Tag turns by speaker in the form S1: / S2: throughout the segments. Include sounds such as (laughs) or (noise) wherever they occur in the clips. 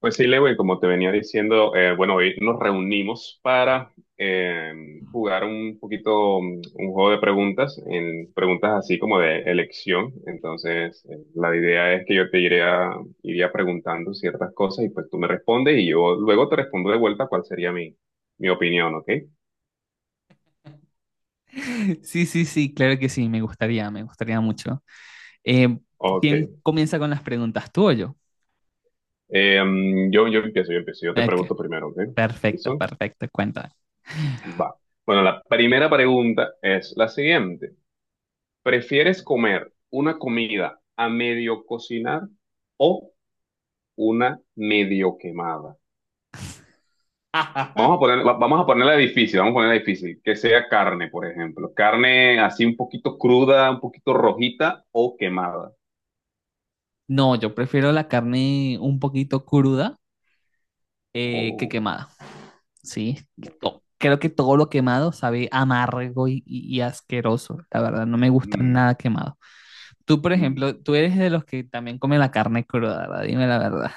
S1: Pues sí, Lewin, como te venía diciendo, bueno, hoy nos reunimos para jugar un poquito un juego de preguntas, en preguntas así como de elección. Entonces, la idea es que yo te iría preguntando ciertas cosas y pues tú me respondes y yo luego te respondo de vuelta cuál sería mi opinión, ¿ok?
S2: Sí, sí, sí, claro que sí, me gustaría mucho. Eh,
S1: Ok.
S2: ¿Quién comienza con las preguntas? ¿Tú o yo?
S1: Yo empiezo, yo empiezo, yo te
S2: Ok,
S1: pregunto primero, ¿ok?
S2: perfecto,
S1: ¿Listo?
S2: perfecto, cuenta.
S1: Va. Bueno, la primera pregunta es la siguiente. ¿Prefieres comer una comida a medio cocinar o una medio quemada? Vamos a ponerla difícil, vamos a ponerla difícil. Que sea carne, por ejemplo. Carne así un poquito cruda, un poquito rojita o quemada.
S2: No, yo prefiero la carne un poquito cruda, que
S1: Oh.
S2: quemada, ¿sí? Creo que todo lo quemado sabe amargo y asqueroso, la verdad, no me gusta
S1: Mm.
S2: nada quemado. Tú, por
S1: Mm.
S2: ejemplo, tú eres de los que también come la carne cruda, ¿verdad? Dime la verdad.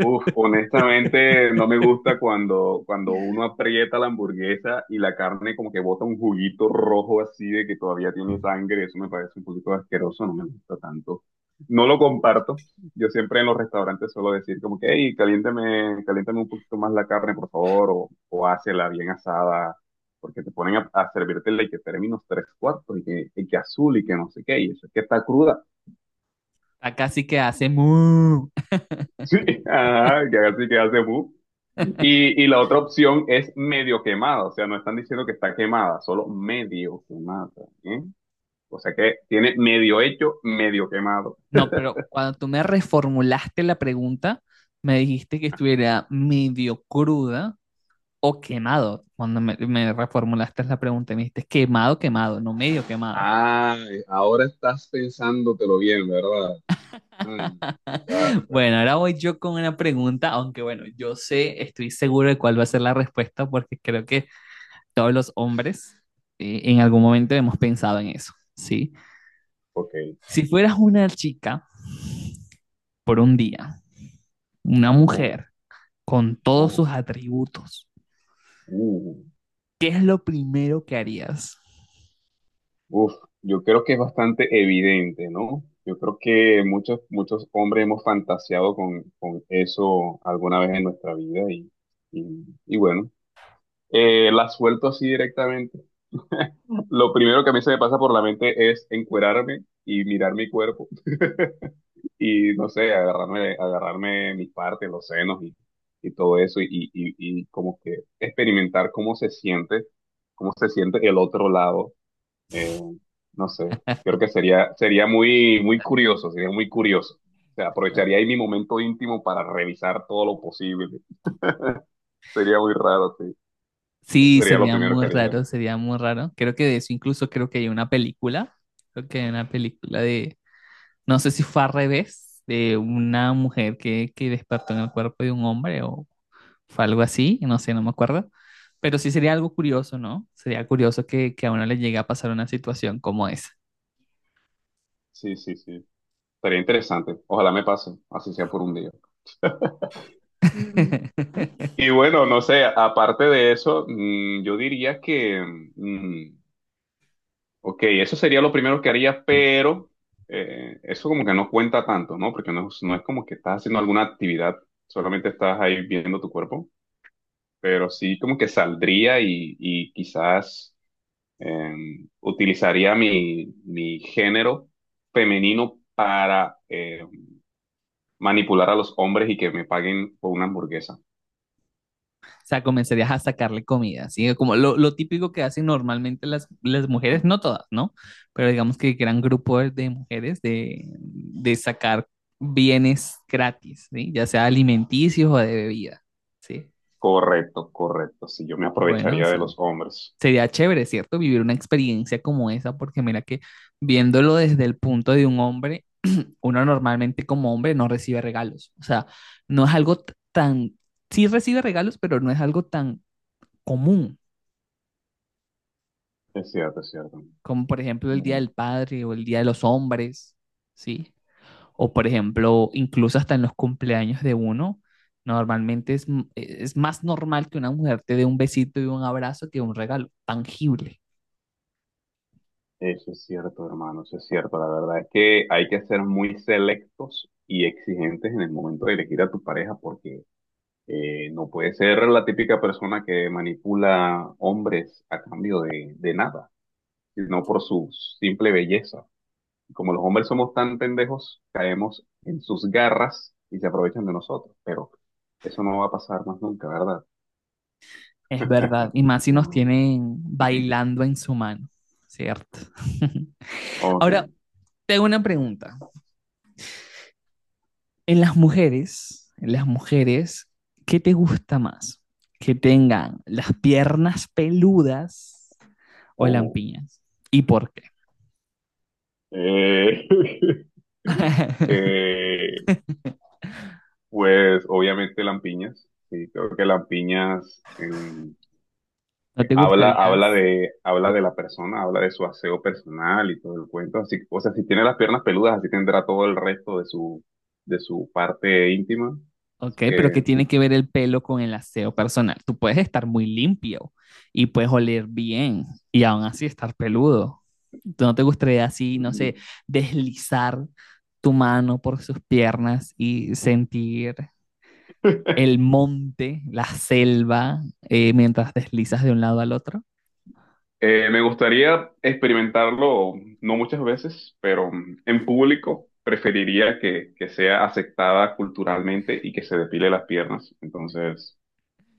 S1: Uf, honestamente no me gusta cuando uno aprieta la hamburguesa y la carne como que bota un juguito rojo así de que todavía tiene sangre, eso me parece un poquito asqueroso, no me gusta tanto. No lo comparto, yo siempre en los restaurantes suelo decir como que, hey, caliéntame, caliéntame un poquito más la carne, por favor, o hácela bien asada, porque te ponen a servirte y que términos tres cuartos y que azul y que no sé qué, y eso es que está cruda.
S2: Acá sí que hace mu.
S1: Sí, ajá, que haga así que hace bu.
S2: (laughs)
S1: Y la otra opción es medio quemada, o sea, no están diciendo que está quemada, solo medio quemada, ¿eh? O sea que tiene medio hecho, medio quemado.
S2: No, pero cuando tú me reformulaste la pregunta, me dijiste que estuviera medio cruda o quemado. Cuando me reformulaste la pregunta, me dijiste quemado, quemado, no medio quemado.
S1: Ah, ahora estás pensándotelo bien, ¿verdad? Mm, claro, claro.
S2: Bueno, ahora voy yo con una pregunta, aunque bueno, yo sé, estoy seguro de cuál va a ser la respuesta, porque creo que todos los hombres, en algún momento hemos pensado en eso, ¿sí?
S1: Ok.
S2: Si fueras una chica por un día, una
S1: Oh,
S2: mujer con todos
S1: oh,
S2: sus atributos,
S1: uh.
S2: ¿qué es lo primero que harías?
S1: Uf, yo creo que es bastante evidente, ¿no? Yo creo que muchos, muchos hombres hemos fantaseado con eso alguna vez en nuestra vida y bueno, la suelto así directamente. Lo primero que a mí se me pasa por la mente es encuerarme y mirar mi cuerpo y, no sé, agarrarme mis partes, los senos y todo eso y como que experimentar cómo se siente el otro lado eh, no sé, creo que sería muy, muy curioso, sería muy curioso. O sea, aprovecharía ahí mi momento íntimo para revisar todo lo posible. Sería muy raro, sí. Eso
S2: Sí,
S1: sería lo
S2: sería
S1: primero
S2: muy
S1: que haría.
S2: raro, sería muy raro. Creo que de eso incluso creo que hay una película, creo que hay una película de, no sé si fue al revés, de una mujer que despertó en el cuerpo de un hombre o fue algo así, no sé, no me acuerdo. Pero sí sería algo curioso, ¿no? Sería curioso que a uno le llegue a pasar una situación como esa.
S1: Sí, sí, sí. Sería interesante. Ojalá me pase, así sea por un día. Mm.
S2: (laughs)
S1: Y bueno, no sé, aparte de eso, yo diría que, mm, ok, eso sería lo primero que haría, pero eso como que no cuenta tanto, ¿no? Porque no, no es como que estás haciendo alguna actividad, solamente estás ahí viendo tu cuerpo, pero sí como que saldría y quizás utilizaría mi género femenino para manipular a los hombres y que me paguen por una hamburguesa.
S2: O sea, comenzarías a sacarle comida, ¿sí? Como lo típico que hacen normalmente las mujeres, no todas, ¿no? Pero digamos que gran grupo de mujeres de sacar bienes gratis, ¿sí? Ya sea alimenticios o de bebida, ¿sí?
S1: Correcto, correcto, sí, yo me
S2: Bueno,
S1: aprovecharía de los
S2: sí.
S1: hombres.
S2: Sería chévere, ¿cierto? Vivir una experiencia como esa, porque mira que viéndolo desde el punto de un hombre, uno normalmente como hombre no recibe regalos. O sea, no es algo tan, sí recibe regalos, pero no es algo tan común.
S1: Es cierto, es cierto.
S2: Como por ejemplo el Día del Padre o el Día de los Hombres, ¿sí? O por ejemplo, incluso hasta en los cumpleaños de uno, normalmente es, es más normal que una mujer te dé un besito y un abrazo que un regalo tangible,
S1: Eso es cierto, hermano, eso es cierto. La verdad es que hay que ser muy selectos y exigentes en el momento de elegir a tu pareja porque no puede ser la típica persona que manipula hombres a cambio de nada, sino por su simple belleza. Como los hombres somos tan pendejos, caemos en sus garras y se aprovechan de nosotros, pero eso no va a pasar más nunca, ¿verdad?
S2: es verdad, y más si nos
S1: No.
S2: tienen bailando en su mano, ¿cierto? (laughs) Ahora,
S1: Ok.
S2: te hago una pregunta. En las mujeres, ¿qué te gusta más? ¿Que tengan las piernas peludas o
S1: Oh.
S2: lampiñas? ¿Y por qué?
S1: Eh, (laughs)
S2: (laughs)
S1: eh, pues obviamente lampiñas, sí, creo que Lampiñas em,
S2: ¿No
S1: eh,
S2: te
S1: habla,
S2: gustaría?
S1: habla de, habla de la persona, habla de su aseo personal y todo el cuento. Así, o sea, si tiene las piernas peludas, así tendrá todo el resto de su parte íntima. Así
S2: Ok, pero ¿qué
S1: que
S2: tiene que ver el pelo con el aseo personal? Tú puedes estar muy limpio y puedes oler bien y aún así estar peludo. ¿Tú no te gustaría así, no
S1: mm,
S2: sé, deslizar tu mano por sus piernas y sentir el monte, la selva, mientras deslizas de un lado al otro?
S1: me gustaría experimentarlo, no muchas veces, pero en público preferiría que sea aceptada culturalmente y que se depile las piernas. Entonces.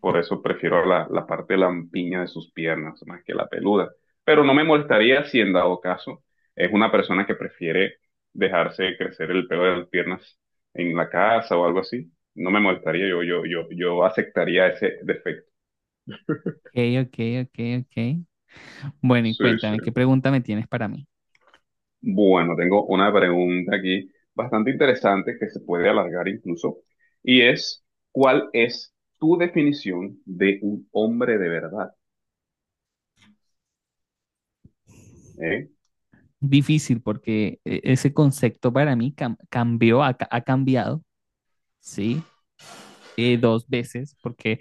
S1: Por eso prefiero la parte lampiña de sus piernas más que la peluda. Pero no me molestaría si en dado caso es una persona que prefiere dejarse crecer el pelo de las piernas en la casa o algo así. No me molestaría, yo aceptaría ese defecto.
S2: Ok, ok, ok, ok. Bueno, y
S1: Sí, sí.
S2: cuéntame, ¿qué pregunta me tienes para mí?
S1: Bueno, tengo una pregunta aquí bastante interesante que se puede alargar incluso, y es, ¿cuál es tu definición de un hombre de verdad? ¿Eh?
S2: Difícil, porque ese concepto para mí cambió, ha cambiado, ¿sí? Dos veces, porque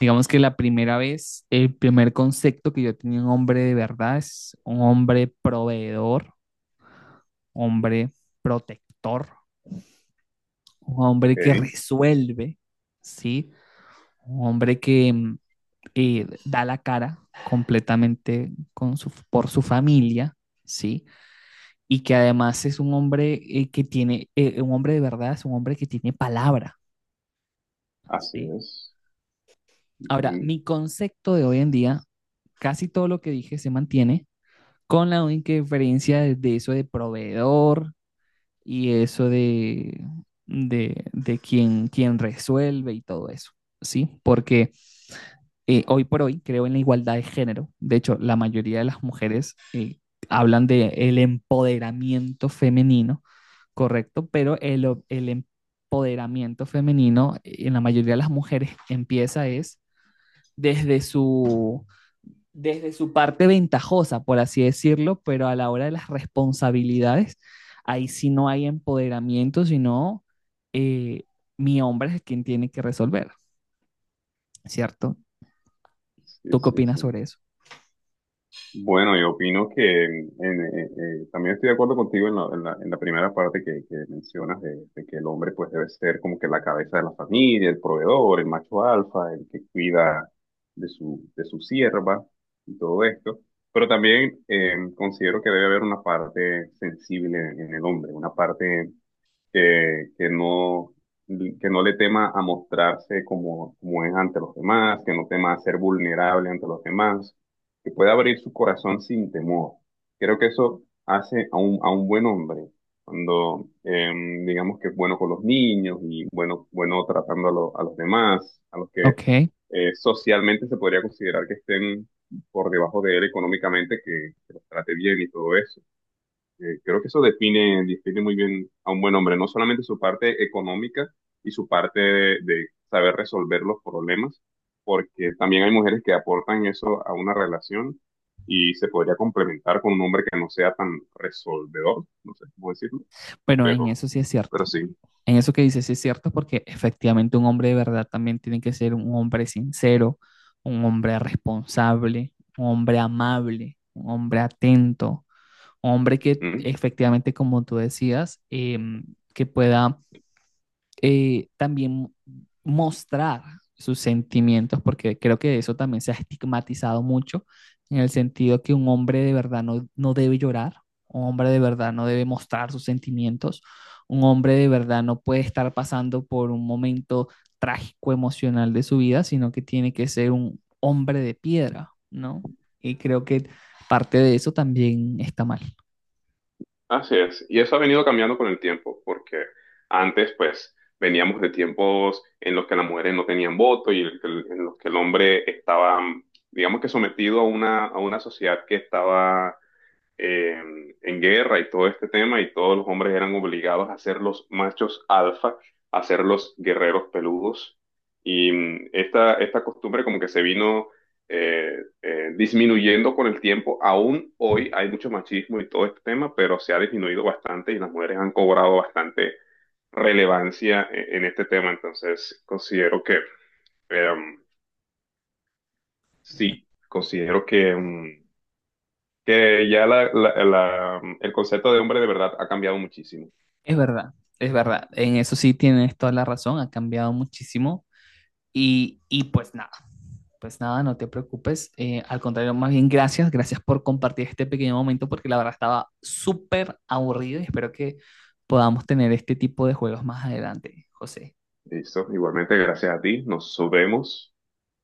S2: digamos que la primera vez, el primer concepto que yo tenía un hombre de verdad es un hombre proveedor, hombre protector, un hombre
S1: Ok,
S2: que resuelve, ¿sí? Un hombre que da la cara completamente con su, por su familia, ¿sí?, y que además es un hombre que tiene, un hombre de verdad, es un hombre que tiene palabra,
S1: así
S2: ¿sí?
S1: es.
S2: Ahora,
S1: Ujú.
S2: mi concepto de hoy en día, casi todo lo que dije se mantiene, con la única diferencia de eso de proveedor y eso de quien, quien resuelve y todo eso, ¿sí? Porque hoy por hoy creo en la igualdad de género. De hecho, la mayoría de las mujeres hablan de el empoderamiento femenino correcto, pero el empoderamiento femenino en la mayoría de las mujeres (laughs) empieza es desde su, desde su parte ventajosa, por así decirlo, pero a la hora de las responsabilidades, ahí sí no hay empoderamiento, sino eh, mi hombre es quien tiene que resolver, ¿cierto?
S1: Sí,
S2: ¿Tú qué
S1: sí,
S2: opinas
S1: sí.
S2: sobre eso?
S1: Bueno, yo opino que también estoy de acuerdo contigo en la primera parte que mencionas de que el hombre pues debe ser como que la cabeza de la familia, el proveedor, el macho alfa, el que cuida de su sierva y todo esto. Pero también considero que debe haber una parte sensible en el hombre, una parte que, que no, que no le tema a mostrarse como es ante los demás, que no tema a ser vulnerable ante los demás, que pueda abrir su corazón sin temor. Creo que eso hace a un buen hombre, cuando digamos que es bueno con los niños y bueno, bueno tratando a los demás, a los que
S2: Ok,
S1: socialmente se podría considerar que estén por debajo de él económicamente, que los trate bien y todo eso. Creo que eso define muy bien a un buen hombre, no solamente su parte económica y su parte de saber resolver los problemas, porque también hay mujeres que aportan eso a una relación y se podría complementar con un hombre que no sea tan resolvedor, no sé cómo decirlo,
S2: pero en
S1: pero,
S2: eso sí es
S1: pero
S2: cierto.
S1: sí.
S2: En eso que dices sí es cierto, porque efectivamente un hombre de verdad también tiene que ser un hombre sincero, un hombre responsable, un hombre amable, un hombre atento, un hombre que
S1: Ujú.
S2: efectivamente, como tú decías, que pueda, también mostrar sus sentimientos, porque creo que eso también se ha estigmatizado mucho, en el sentido que un hombre de verdad no, no debe llorar, un hombre de verdad no debe mostrar sus sentimientos, un hombre de verdad no puede estar pasando por un momento trágico emocional de su vida, sino que tiene que ser un hombre de piedra, ¿no? Y creo que parte de eso también está mal.
S1: Así es, y eso ha venido cambiando con el tiempo, porque antes pues veníamos de tiempos en los que las mujeres no tenían voto y en los que el hombre estaba, digamos que sometido a una sociedad que estaba eh, en guerra y todo este tema, y todos los hombres eran obligados a ser los machos alfa, a ser los guerreros peludos. Y esta costumbre como que se vino eh, disminuyendo con el tiempo. Aún hoy hay mucho machismo y todo este tema, pero se ha disminuido bastante y las mujeres han cobrado bastante relevancia en este tema. Entonces, considero que, eh, sí, considero que ya el concepto de hombre de verdad ha cambiado muchísimo.
S2: Es verdad, es verdad. En eso sí tienes toda la razón, ha cambiado muchísimo. Y pues nada, no te preocupes. Al contrario, más bien gracias, gracias por compartir este pequeño momento porque la verdad estaba súper aburrido y espero que podamos tener este tipo de juegos más adelante, José.
S1: Listo, igualmente, gracias a ti, nos vemos.